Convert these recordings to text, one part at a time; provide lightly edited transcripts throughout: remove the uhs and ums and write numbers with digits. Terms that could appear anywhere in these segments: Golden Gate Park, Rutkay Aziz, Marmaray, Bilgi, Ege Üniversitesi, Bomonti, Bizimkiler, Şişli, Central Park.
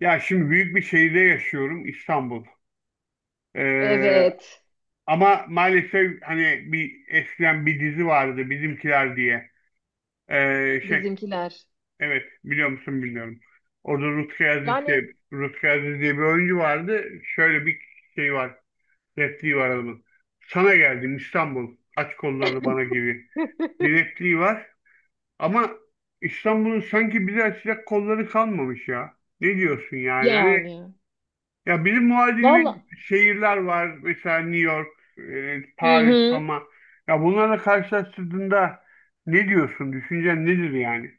Ya şimdi büyük bir şehirde yaşıyorum İstanbul. Ee, Evet. ama maalesef hani bir eskiden bir dizi vardı Bizimkiler diye. Şey Bizimkiler. evet biliyor musun bilmiyorum. Orada Rutkay Aziz Yani diye, Rutkay Aziz diye bir oyuncu vardı. Şöyle bir şey var. Repliği var adamın. Sana geldim İstanbul. Aç kollarını bana gibi. Bir repliği var. Ama İstanbul'un sanki bize açacak kolları kalmamış ya. Ne diyorsun yani? Hani yani. ya bizim Valla. muadili şehirler var. Mesela New York, Hı Paris, hı. Roma. Ya bunlarla karşılaştırdığında ne diyorsun? Düşüncen nedir yani?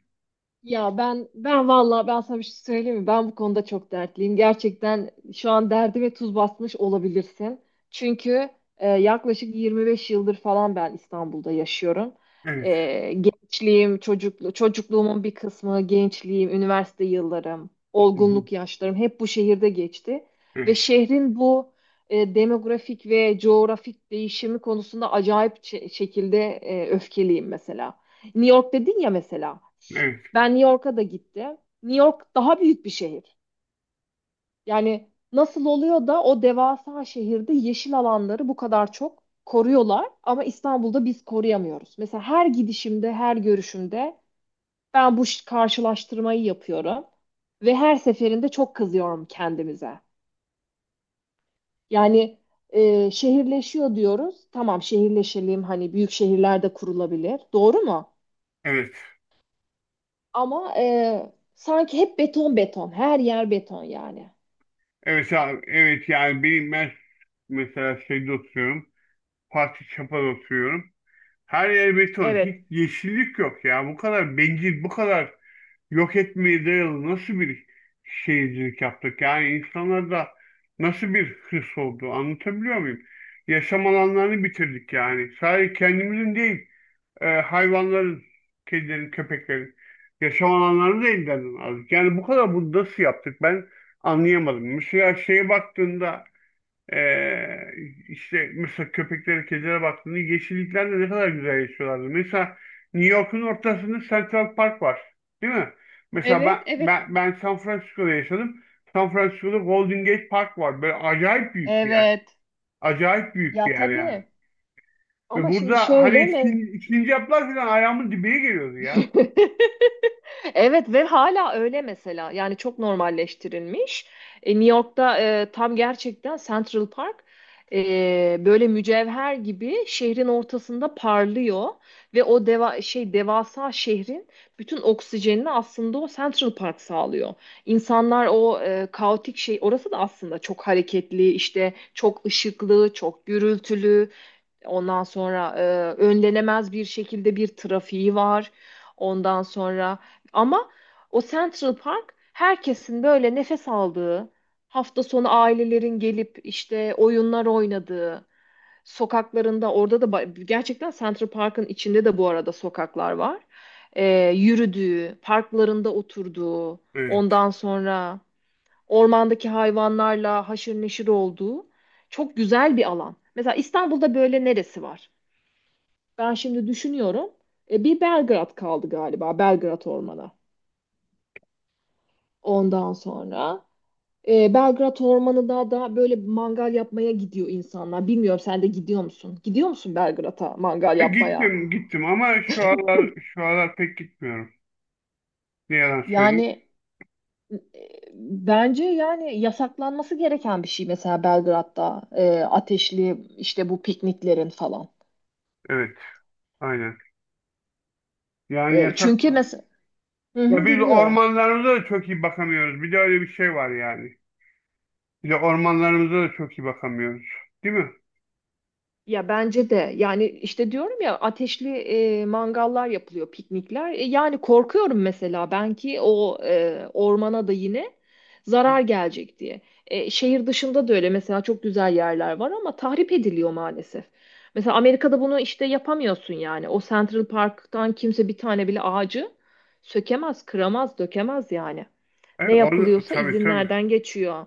Ya ben vallahi ben sana bir şey söyleyeyim mi? Ben bu konuda çok dertliyim. Gerçekten şu an derdime tuz basmış olabilirsin. Çünkü yaklaşık 25 yıldır falan ben İstanbul'da yaşıyorum. Evet. Gençliğim, çocukluğumun bir kısmı, gençliğim, üniversite yıllarım, Hı hı. olgunluk yaşlarım hep bu şehirde geçti. Ve Evet. şehrin bu demografik ve coğrafik değişimi konusunda acayip şekilde öfkeliyim mesela. New York dedin ya mesela. Evet. Ben New York'a da gittim. New York daha büyük bir şehir. Yani nasıl oluyor da o devasa şehirde yeşil alanları bu kadar çok koruyorlar ama İstanbul'da biz koruyamıyoruz. Mesela her gidişimde, her görüşümde ben karşılaştırmayı yapıyorum ve her seferinde çok kızıyorum kendimize. Yani şehirleşiyor diyoruz. Tamam şehirleşelim hani büyük şehirlerde kurulabilir. Doğru mu? Evet. Ama sanki hep beton beton, her yer beton yani. Evet abi. Evet yani benim ben mesela şeyde oturuyorum. Fatih Çapa'da oturuyorum. Her yer beton. Hiç Evet. yeşillik yok ya. Bu kadar bencil, bu kadar yok etmeye dayalı nasıl bir şeycilik yaptık? Yani insanlarda nasıl bir hırs oldu? Anlatabiliyor muyum? Yaşam alanlarını bitirdik yani. Sadece kendimizin değil, hayvanların, kedilerin, köpeklerin yaşam alanlarını da elden aldık. Yani bu kadar bunu nasıl yaptık? Ben anlayamadım. Mesela şeye baktığında ee, işte mesela köpeklere, kedilere baktığında yeşilliklerde ne kadar güzel yaşıyorlardı. Mesela New York'un ortasında Central Park var. Değil mi? Mesela ben, Evet, evet. ben, ben San Francisco'da yaşadım. San Francisco'da Golden Gate Park var. Böyle acayip büyük bir yer. Evet. Acayip büyük bir Ya yer yani. tabii. Ve Ama şimdi burada hani şöyle mi? Sincaplar falan ayağımın dibine geliyordu ya. Evet ve hala öyle mesela. Yani çok normalleştirilmiş. New York'ta tam gerçekten Central Park böyle mücevher gibi şehrin ortasında parlıyor ve o devasa şehrin bütün oksijenini aslında o Central Park sağlıyor. İnsanlar o e, kaotik şey orası da aslında çok hareketli, işte çok ışıklı, çok gürültülü. Ondan sonra önlenemez bir şekilde bir trafiği var. Ondan sonra ama o Central Park herkesin böyle nefes aldığı, hafta sonu ailelerin gelip işte oyunlar oynadığı, sokaklarında orada da gerçekten Central Park'ın içinde de bu arada sokaklar var. Yürüdüğü, parklarında oturduğu, Evet. ondan sonra ormandaki hayvanlarla haşır neşir olduğu çok güzel bir alan. Mesela İstanbul'da böyle neresi var? Ben şimdi düşünüyorum. Bir Belgrad kaldı galiba. Belgrad Ormanı. Ondan sonra Belgrad Ormanı'nda da böyle mangal yapmaya gidiyor insanlar. Bilmiyorum sen de gidiyor musun? Gidiyor musun Belgrad'a mangal E, yapmaya? gittim ama şu aralar pek gitmiyorum. Ne yalan söyleyeyim. Yani e, bence yani yasaklanması gereken bir şey mesela Belgrad'da ateşli işte bu pikniklerin falan. Evet, aynen. Yani yasak. Çünkü mesela hı Ya hı, biz dinliyorum. ormanlarımıza da çok iyi bakamıyoruz. Bir de öyle bir şey var yani. Bir de ormanlarımıza da çok iyi bakamıyoruz. Değil mi? Ya bence de yani işte diyorum ya ateşli mangallar yapılıyor piknikler. Yani korkuyorum mesela ben ki o ormana da yine zarar gelecek diye. Şehir dışında da öyle mesela çok güzel yerler var ama tahrip ediliyor maalesef. Mesela Amerika'da bunu işte yapamıyorsun yani. O Central Park'tan kimse bir tane bile ağacı sökemez, kıramaz, dökemez yani. Ne Orada, yapılıyorsa tabii tabii. izinlerden geçiyor.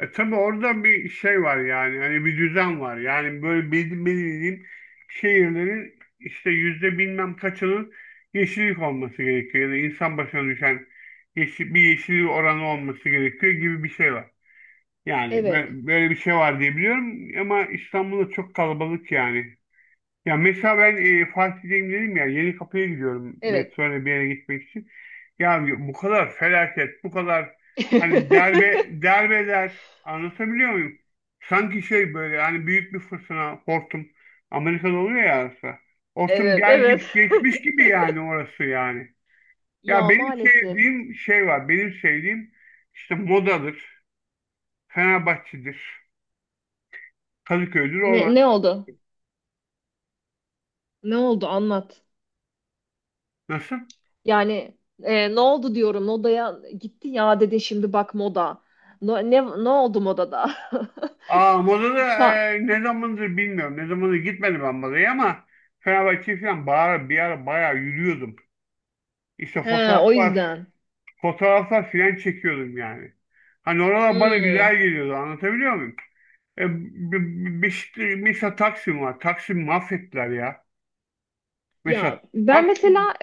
E, tabii orada bir şey var yani. Hani bir düzen var. Yani böyle belirlediğim şehirlerin işte yüzde bilmem kaçının yeşillik olması gerekiyor. Ya da insan başına düşen bir yeşillik oranı olması gerekiyor gibi bir şey var. Yani Evet, böyle bir şey var diye biliyorum ama İstanbul'da çok kalabalık yani. Ya mesela ben Fatih'teyim dedim ya yeni kapıya gidiyorum evet. metroyla bir yere gitmek için. Ya bu kadar felaket, bu kadar hani derbeler anlatabiliyor muyum? Sanki şey böyle hani büyük bir fırtına hortum Amerika'da oluyor ya arası. Hortum Evet, gelmiş evet. geçmiş gibi yani orası yani. Ya Ya benim maalesef. sevdiğim şey var. Benim sevdiğim işte Moda'dır, Fenerbahçe'dir, Kadıköy'dür orada. Ne oldu? Ne oldu? Anlat. Nasıl? Yani ne oldu diyorum. Modaya gitti ya dedi şimdi bak moda. Ne oldu modada? Aa Moda'da Fa- ne zamandır bilmiyorum. Ne zamandır gitmedim ben Moda'ya ama Fenerbahçe falan bağıra, bir ara bayağı yürüyordum. İşte He, o yüzden. fotoğraflar falan çekiyordum yani. Hani oralar bana Hmm. güzel geliyordu anlatabiliyor muyum? E, mesela Taksim var. Taksim mahvettiler ya. Ya Mesela ben Taksim, mesela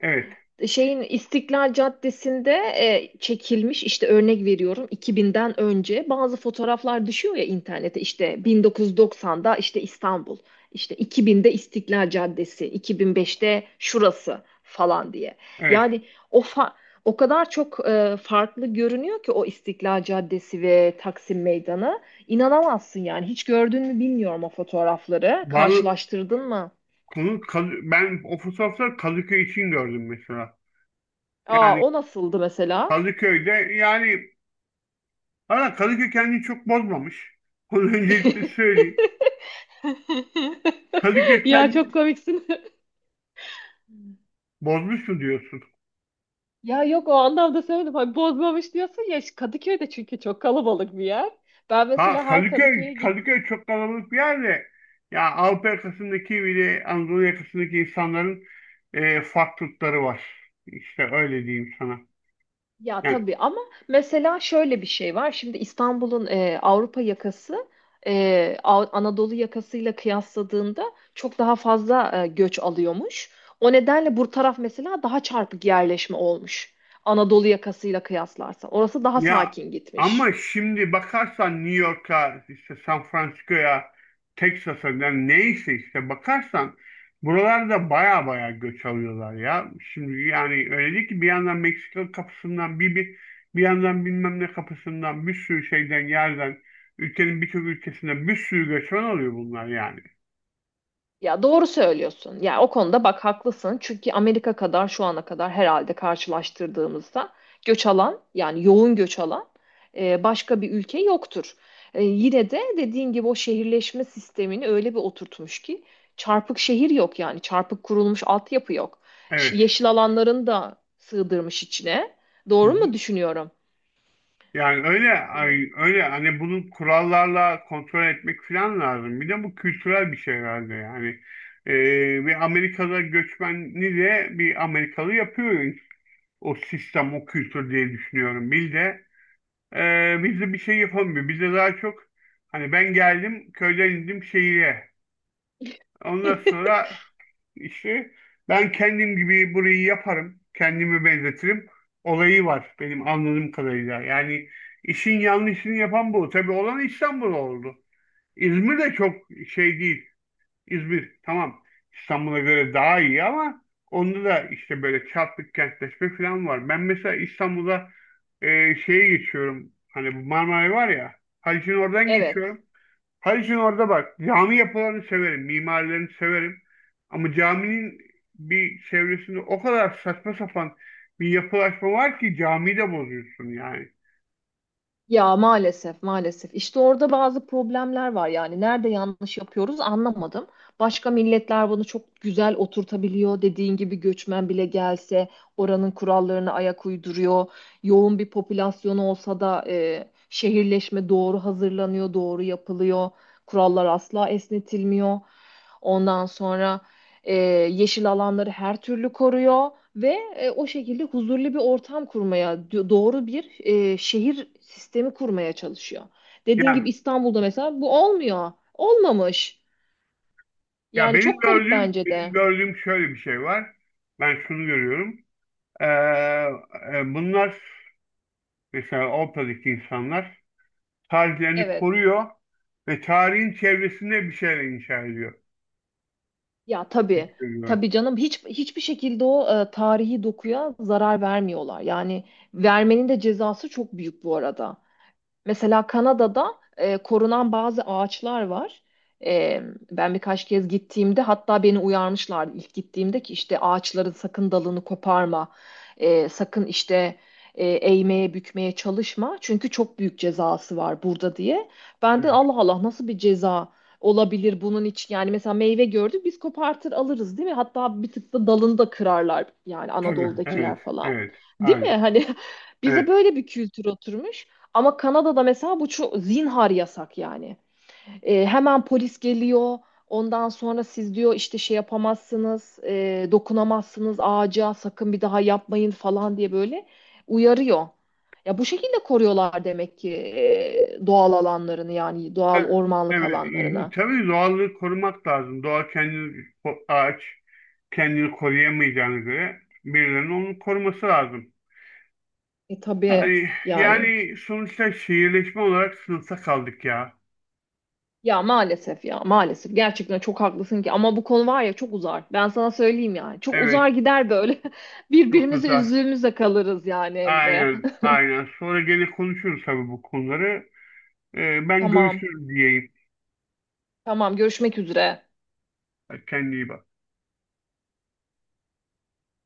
evet şeyin İstiklal Caddesi'nde çekilmiş işte örnek veriyorum 2000'den önce bazı fotoğraflar düşüyor ya internete işte 1990'da işte İstanbul işte 2000'de İstiklal Caddesi 2005'te şurası falan diye. evet. Yani o fa- o kadar çok farklı görünüyor ki o İstiklal Caddesi ve Taksim Meydanı. İnanamazsın yani. Hiç gördün mü bilmiyorum o fotoğrafları. Bal, Karşılaştırdın mı? Ben o fotoğrafları Kadıköy için gördüm mesela. Aa Yani o nasıldı mesela? Kadıköy'de yani ama Kadıköy kendini çok bozmamış. Onu öncelikle söyleyeyim. Kadıköy Ya çok kendini komiksin. bozmuş mu diyorsun? Ya yok o anlamda söyledim. Hani bozmamış diyorsun ya işte Kadıköy'de çünkü çok kalabalık bir yer. Ben Ha mesela her Kadıköy'e gittim. Kadıköy çok kalabalık bir yer de ya Avrupa yakasındaki bile Anadolu yakasındaki insanların farklılıkları var. İşte öyle diyeyim sana. Ya Yani tabii ama mesela şöyle bir şey var. Şimdi İstanbul'un Avrupa yakası Anadolu yakasıyla kıyasladığında çok daha fazla göç alıyormuş. O nedenle bu taraf mesela daha çarpık yerleşme olmuş. Anadolu yakasıyla kıyaslarsa. Orası daha ya sakin ama gitmiş. şimdi bakarsan New York'a, işte San Francisco'ya, Texas'a yani neyse işte bakarsan buralarda baya baya göç alıyorlar ya. Şimdi yani öyle değil ki bir yandan Meksika kapısından bir bir yandan bilmem ne kapısından bir sürü şeyden yerden ülkenin birçok ülkesinden bir sürü göçmen oluyor bunlar yani. Ya doğru söylüyorsun. Ya o konuda bak haklısın. Çünkü Amerika kadar şu ana kadar herhalde karşılaştırdığımızda göç alan yani yoğun göç alan başka bir ülke yoktur. Yine de dediğin gibi o şehirleşme sistemini öyle bir oturtmuş ki çarpık şehir yok yani çarpık kurulmuş altyapı yok. Evet. Yeşil alanların da sığdırmış içine. Doğru mu düşünüyorum? Yani Hmm. Öyle hani bunu kurallarla kontrol etmek falan lazım. Bir de bu kültürel bir şey herhalde yani. Bir Amerikalı göçmeni de bir Amerikalı yapıyor o sistem, o kültür diye düşünüyorum. Biz de biz bir şey yapamıyor. Bizde daha çok hani ben geldim köyden indim şehire. Ondan sonra işte ben kendim gibi burayı yaparım. Kendimi benzetirim. Olayı var benim anladığım kadarıyla. Yani işin yanlışını yapan bu. Tabii olan İstanbul oldu. İzmir de çok şey değil. İzmir tamam, İstanbul'a göre daha iyi ama onda da işte böyle çarpık kentleşme falan var. Ben mesela İstanbul'a şeye geçiyorum. Hani bu Marmaray var ya. Haliç'in oradan Evet. geçiyorum. Her gün orada bak. Cami yapılarını severim, mimarilerini severim. Ama caminin bir çevresinde o kadar saçma sapan bir yapılaşma var ki camiyi de bozuyorsun yani. Ya maalesef maalesef işte orada bazı problemler var yani nerede yanlış yapıyoruz anlamadım. Başka milletler bunu çok güzel oturtabiliyor. Dediğin gibi göçmen bile gelse oranın kurallarına ayak uyduruyor. Yoğun bir popülasyonu olsa da şehirleşme doğru hazırlanıyor, doğru yapılıyor. Kurallar asla esnetilmiyor. Ondan sonra e, yeşil alanları her türlü koruyor ve o şekilde huzurlu bir ortam kurmaya, doğru bir şehir sistemi kurmaya çalışıyor. Dediğin Yani gibi İstanbul'da mesela bu olmuyor. Olmamış. ya Yani çok garip bence benim de. gördüğüm şöyle bir şey var. Ben şunu görüyorum. Ee, bunlar mesela Avrupa'daki insanlar tarihlerini Evet. koruyor ve tarihin çevresinde bir şeyler inşa ediyor Ya gibi tabii. görüyorum. Tabii canım hiç hiçbir şekilde o tarihi dokuya zarar vermiyorlar. Yani vermenin de cezası çok büyük bu arada. Mesela Kanada'da korunan bazı ağaçlar var. E, Ben birkaç kez gittiğimde hatta beni uyarmışlardı ilk gittiğimde ki işte ağaçların sakın dalını koparma, sakın işte eğmeye bükmeye çalışma çünkü çok büyük cezası var burada diye. Ben de Evet. Allah Allah nasıl bir ceza olabilir bunun için yani mesela meyve gördük biz kopartır alırız değil mi? Hatta bir tık da dalını da kırarlar yani Tabii. Anadolu'dakiler Evet. falan. Evet. Değil mi? Aynen. Hani bize Evet. böyle bir kültür oturmuş. Ama Kanada'da mesela bu çok zinhar yasak yani. Hemen polis geliyor. Ondan sonra siz diyor işte şey yapamazsınız, dokunamazsınız ağaca, sakın bir daha yapmayın falan diye böyle uyarıyor. Ya bu şekilde koruyorlar demek ki doğal alanlarını yani doğal Ha, ormanlık evet, alanlarını. tabii doğallığı korumak lazım. Ağaç kendini koruyamayacağına göre birilerinin onu koruması lazım. E tabii yani. Yani sonuçta şehirleşme olarak sınıfta kaldık ya. Ya maalesef ya maalesef gerçekten çok haklısın ki ama bu konu var ya çok uzar. Ben sana söyleyeyim yani. Çok Evet, uzar gider böyle. çok Birbirimizi uzak. üzdüğümüzde kalırız yani Emre. Aynen, aynen. Sonra gene konuşuruz tabii bu konuları. Ben Tamam. görüşürüz diyeyim. Tamam görüşmek üzere. Kendine iyi bak.